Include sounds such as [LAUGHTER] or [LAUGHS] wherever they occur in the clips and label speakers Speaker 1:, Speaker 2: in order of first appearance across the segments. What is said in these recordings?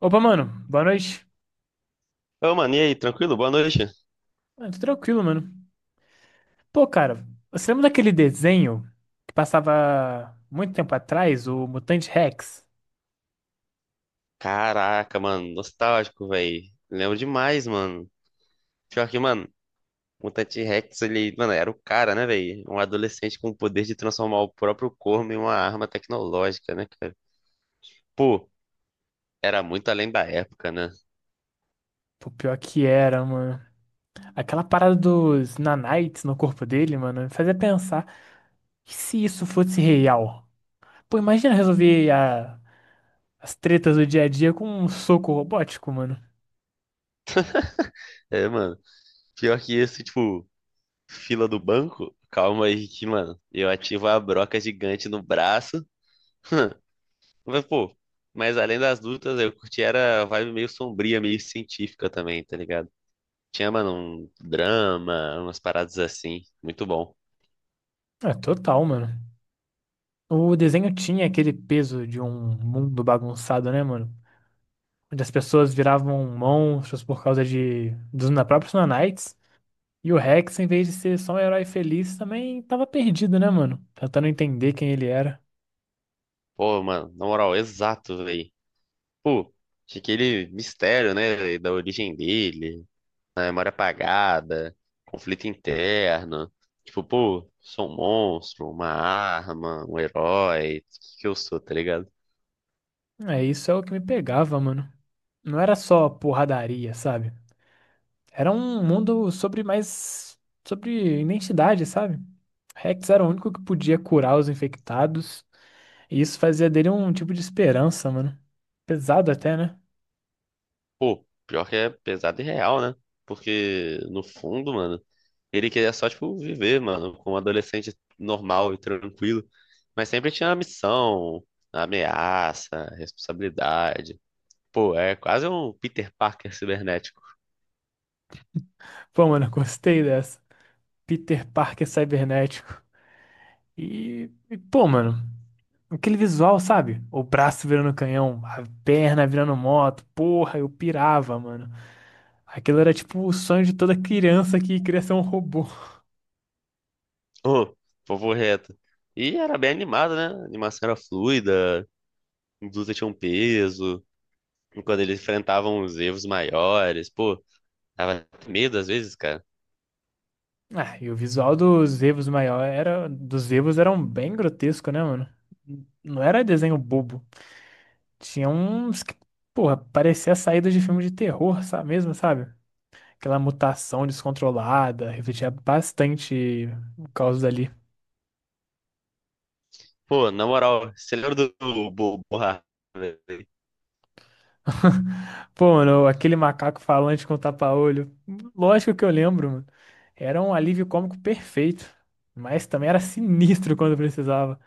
Speaker 1: Opa, mano, boa noite.
Speaker 2: Ô, mano, e aí, tranquilo? Boa noite.
Speaker 1: Mano, tô tranquilo, mano. Pô, cara, você lembra daquele desenho que passava muito tempo atrás, o Mutante Rex?
Speaker 2: Caraca, mano, nostálgico, velho. Lembro demais, mano. Pior que, mano, Mutante Rex, ele, mano, era o cara, né, velho? Um adolescente com o poder de transformar o próprio corpo em uma arma tecnológica, né, cara? Pô, era muito além da época, né?
Speaker 1: Pô, pior que era, mano. Aquela parada dos nanites no corpo dele, mano, me fazia pensar, e se isso fosse real? Pô, imagina resolver as tretas do dia a dia com um soco robótico, mano.
Speaker 2: É, mano, pior que isso, tipo, fila do banco, calma aí que, mano, eu ativo a broca gigante no braço. Mas, pô, mas além das lutas, eu curti era a vibe meio sombria, meio científica também, tá ligado? Tinha, mano, um drama, umas paradas assim. Muito bom.
Speaker 1: É, total, mano. O desenho tinha aquele peso de um mundo bagunçado, né, mano? Onde as pessoas viravam monstros por causa de dos na- próprios Nanites. E o Rex, em vez de ser só um herói feliz, também tava perdido, né, mano? Tentando entender quem ele era.
Speaker 2: Pô, mano, na moral, exato, velho. Pô, tinha aquele mistério, né, véi, da origem dele, na memória apagada, conflito interno. Tipo, pô, sou um monstro, uma arma, um herói, o que que eu sou, tá ligado?
Speaker 1: É, isso é o que me pegava, mano. Não era só porradaria, sabe? Era um mundo sobre mais, sobre identidade, sabe? Rex era o único que podia curar os infectados. E isso fazia dele um tipo de esperança, mano. Pesado até, né?
Speaker 2: Pô, pior que é pesado e real, né? Porque, no fundo, mano. Ele queria só, tipo, viver, mano, como um adolescente normal e tranquilo. Mas sempre tinha a missão, a ameaça, a responsabilidade. Pô, é quase um Peter Parker cibernético.
Speaker 1: Pô, mano, [LAUGHS] gostei dessa. Peter Parker cibernético. Pô, mano, aquele visual, sabe? O braço virando canhão, a perna virando moto, porra, eu pirava, mano. Aquilo era tipo o sonho de toda criança que queria ser um robô. [LAUGHS]
Speaker 2: Ô, povo reto. E era bem animado, né? A animação era fluida, a luta tinha um peso. E quando eles enfrentavam os erros maiores, pô, dava até medo às vezes, cara.
Speaker 1: Ah, e o visual dos Evos eram bem grotesco, né, mano? Não era desenho bobo. Tinha uns que, porra, parecia saída de filme de terror, sabe mesmo, sabe? Aquela mutação descontrolada refletia bastante o caos ali.
Speaker 2: Pô, na moral, você lembra do Borra?
Speaker 1: Pô, mano, aquele macaco falante com tapa-olho. Lógico que eu lembro, mano. Era um alívio cômico perfeito. Mas também era sinistro quando precisava.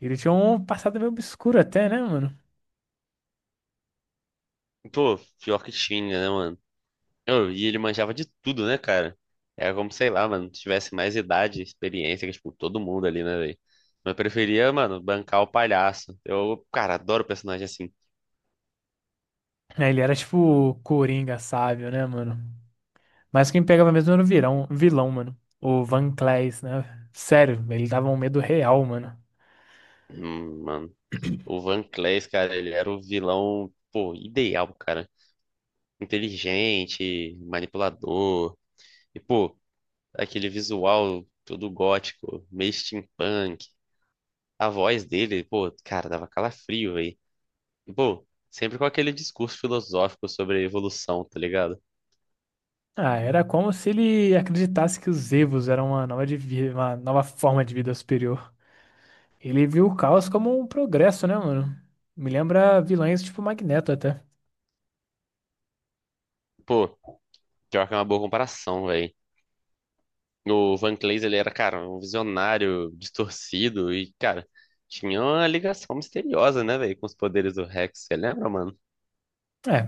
Speaker 1: Ele tinha um passado meio obscuro até, né, mano?
Speaker 2: Pô, pior que tinha, né, mano? Oh, e ele manjava de tudo, né, cara? Era como, sei lá, mano, tivesse mais idade, experiência, que, tipo, todo mundo ali, né, velho? Mas eu preferia, mano, bancar o palhaço. Eu, cara, adoro personagem assim.
Speaker 1: É, ele era tipo o Coringa sábio, né, mano? Mas quem pegava mesmo era o vilão, mano. O Van Claes, né? Sério, ele dava um medo real, mano.
Speaker 2: Mano. O Van Clays, cara, ele era o vilão, pô, ideal, cara. Inteligente, manipulador. E, pô, aquele visual todo gótico, meio steampunk. A voz dele, pô, cara, dava calafrio, velho. E, pô, sempre com aquele discurso filosófico sobre evolução, tá ligado?
Speaker 1: Ah, era como se ele acreditasse que os Evos eram uma uma nova forma de vida superior. Ele viu o caos como um progresso, né, mano? Me lembra vilões tipo Magneto até.
Speaker 2: Pô, pior que é uma boa comparação, velho. O Van Clays, ele era, cara, um visionário distorcido e, cara, tinha uma ligação misteriosa, né, velho, com os poderes do Rex, você lembra, mano?
Speaker 1: É,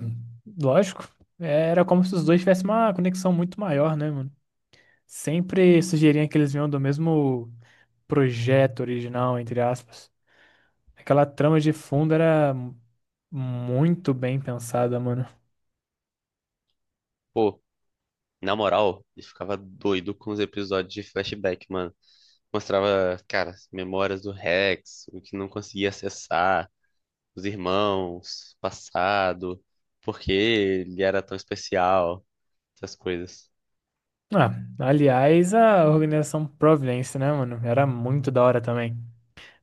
Speaker 1: lógico. É, era como se os dois tivessem uma conexão muito maior, né, mano? Sempre sugeriam que eles vinham do mesmo projeto original, entre aspas. Aquela trama de fundo era muito bem pensada, mano.
Speaker 2: Pô, na moral, ele ficava doido com os episódios de flashback, mano. Mostrava, cara, as memórias do Rex, o que não conseguia acessar, os irmãos, o passado, por que ele era tão especial, essas coisas.
Speaker 1: Ah, aliás, a organização Providence, né, mano? Era muito da hora também.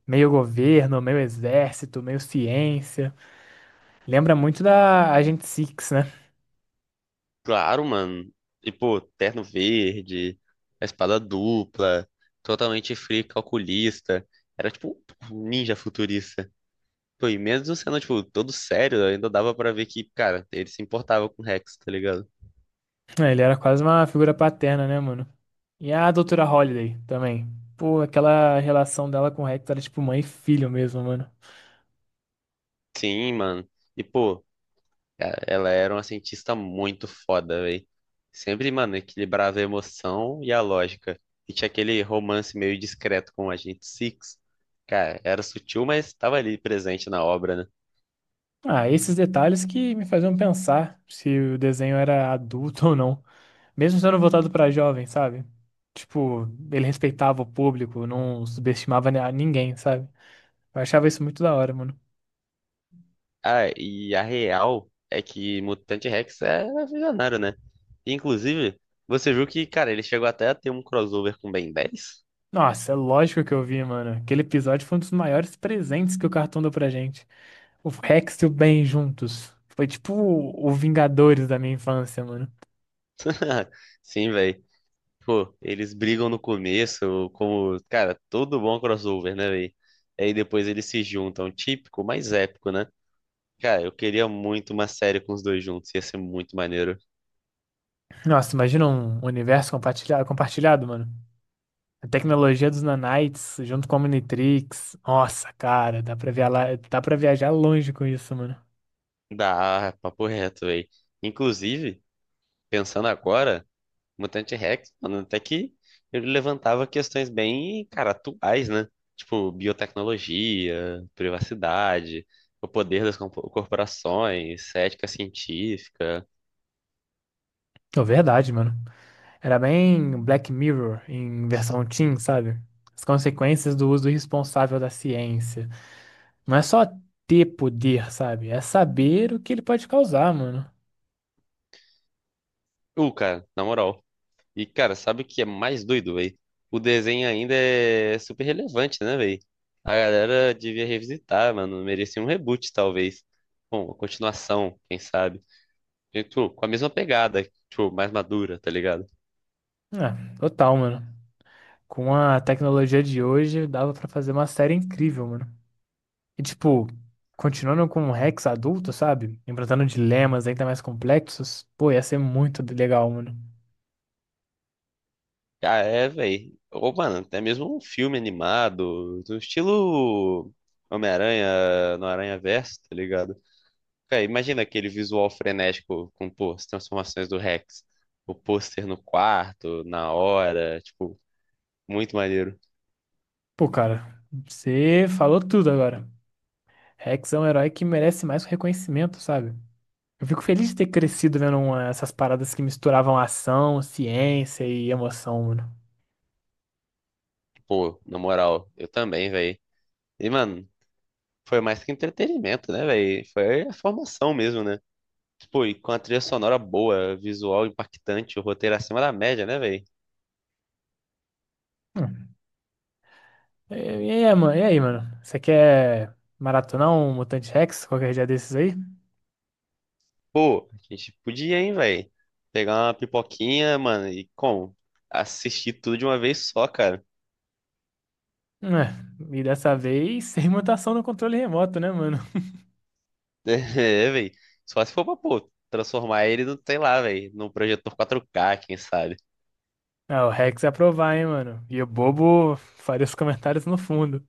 Speaker 1: Meio governo, meio exército, meio ciência. Lembra muito da Agent Six, né?
Speaker 2: Claro, mano. E, pô, terno verde, a espada dupla, totalmente free calculista. Era tipo um ninja futurista. Pô, e mesmo sendo, tipo, todo sério, ainda dava pra ver que, cara, ele se importava com o Rex, tá ligado?
Speaker 1: É, ele era quase uma figura paterna, né, mano? E a doutora Holliday também. Pô, aquela relação dela com o Rex era tipo mãe e filho mesmo, mano.
Speaker 2: Sim, mano. E, pô, cara, ela era uma cientista muito foda, velho. Sempre, mano, equilibrava a emoção e a lógica. E tinha aquele romance meio discreto com o Agente Six. Cara, era sutil, mas tava ali presente na obra, né?
Speaker 1: Ah, esses detalhes que me faziam pensar se o desenho era adulto [LAUGHS] ou não. Mesmo sendo voltado pra jovem, sabe? Tipo, ele respeitava o público, não subestimava a ninguém, sabe? Eu achava isso muito da hora, mano.
Speaker 2: Ah, e a real é que Mutante Rex é visionário, né? E, inclusive, você viu que, cara, ele chegou até a ter um crossover com Ben 10?
Speaker 1: Nossa, é lógico que eu vi, mano. Aquele episódio foi um dos maiores presentes que o cartoon deu pra gente. O Rex e o Ben juntos. Foi tipo o Vingadores da minha infância, mano.
Speaker 2: [LAUGHS] Sim, velho. Pô, eles brigam no começo, como, cara, todo bom crossover, né, velho? Aí depois eles se juntam, típico, mas épico, né? Cara, eu queria muito uma série com os dois juntos, ia ser muito maneiro.
Speaker 1: Nossa, imagina um universo compartilhado, mano. A tecnologia dos nanites junto com a Omnitrix. Nossa, cara, dá pra viajar longe com isso, mano.
Speaker 2: Dá, papo reto, velho. Inclusive, pensando agora. Mutante Rex, mano, até que ele levantava questões bem, cara, atuais, né? Tipo, biotecnologia, privacidade, o poder das corporações, ética científica.
Speaker 1: É verdade, mano. Era bem Black Mirror em versão teen, sabe? As consequências do uso irresponsável da ciência. Não é só ter poder, sabe? É saber o que ele pode causar, mano.
Speaker 2: Cara, na moral. E, cara, sabe o que é mais doido, véi? O desenho ainda é super relevante, né, véi? A galera devia revisitar, mano. Merecia um reboot, talvez. Bom, uma continuação, quem sabe? E, tipo, com a mesma pegada, tipo, mais madura, tá ligado?
Speaker 1: É, total, mano. Com a tecnologia de hoje, dava pra fazer uma série incrível, mano. E tipo, continuando com o Rex adulto, sabe? Enfrentando dilemas ainda mais complexos, pô, ia ser muito legal, mano.
Speaker 2: Ah, é, velho. Ô, mano, até mesmo um filme animado, do estilo Homem-Aranha no Aranha-Verso, tá ligado? Cara, imagina aquele visual frenético com, pô, as transformações do Rex. O pôster no quarto, na hora, tipo, muito maneiro.
Speaker 1: Pô, cara, você falou tudo agora. Rex é um herói que merece mais reconhecimento, sabe? Eu fico feliz de ter crescido vendo essas paradas que misturavam ação, ciência e emoção, mano.
Speaker 2: Pô, na moral, eu também, velho. E, mano, foi mais que entretenimento, né, velho? Foi a formação mesmo, né? Tipo, e com a trilha sonora boa, visual impactante, o roteiro acima da média, né, velho?
Speaker 1: Hum. E aí, mano? Você quer maratonar um Mutante Rex qualquer dia desses aí?
Speaker 2: Pô, a gente podia, hein, velho? Pegar uma pipoquinha, mano, e como? Assistir tudo de uma vez só, cara.
Speaker 1: É, e dessa vez [LAUGHS] sem mutação no controle remoto, né, mano?
Speaker 2: [LAUGHS] É, velho. Só se for pra, pô, transformar ele no, sei lá, velho, num projetor 4K, quem sabe?
Speaker 1: Ah, o Rex ia aprovar, hein, mano? E o bobo faria os comentários no fundo.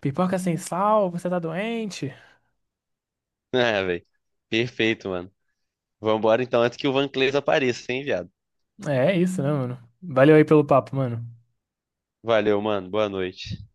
Speaker 1: Pipoca sem sal, você tá doente?
Speaker 2: [LAUGHS] É, velho. Perfeito, mano. Vambora então antes que o Van Cleves apareça, hein, viado?
Speaker 1: É, é isso, né, mano? Valeu aí pelo papo, mano.
Speaker 2: Valeu, mano. Boa noite.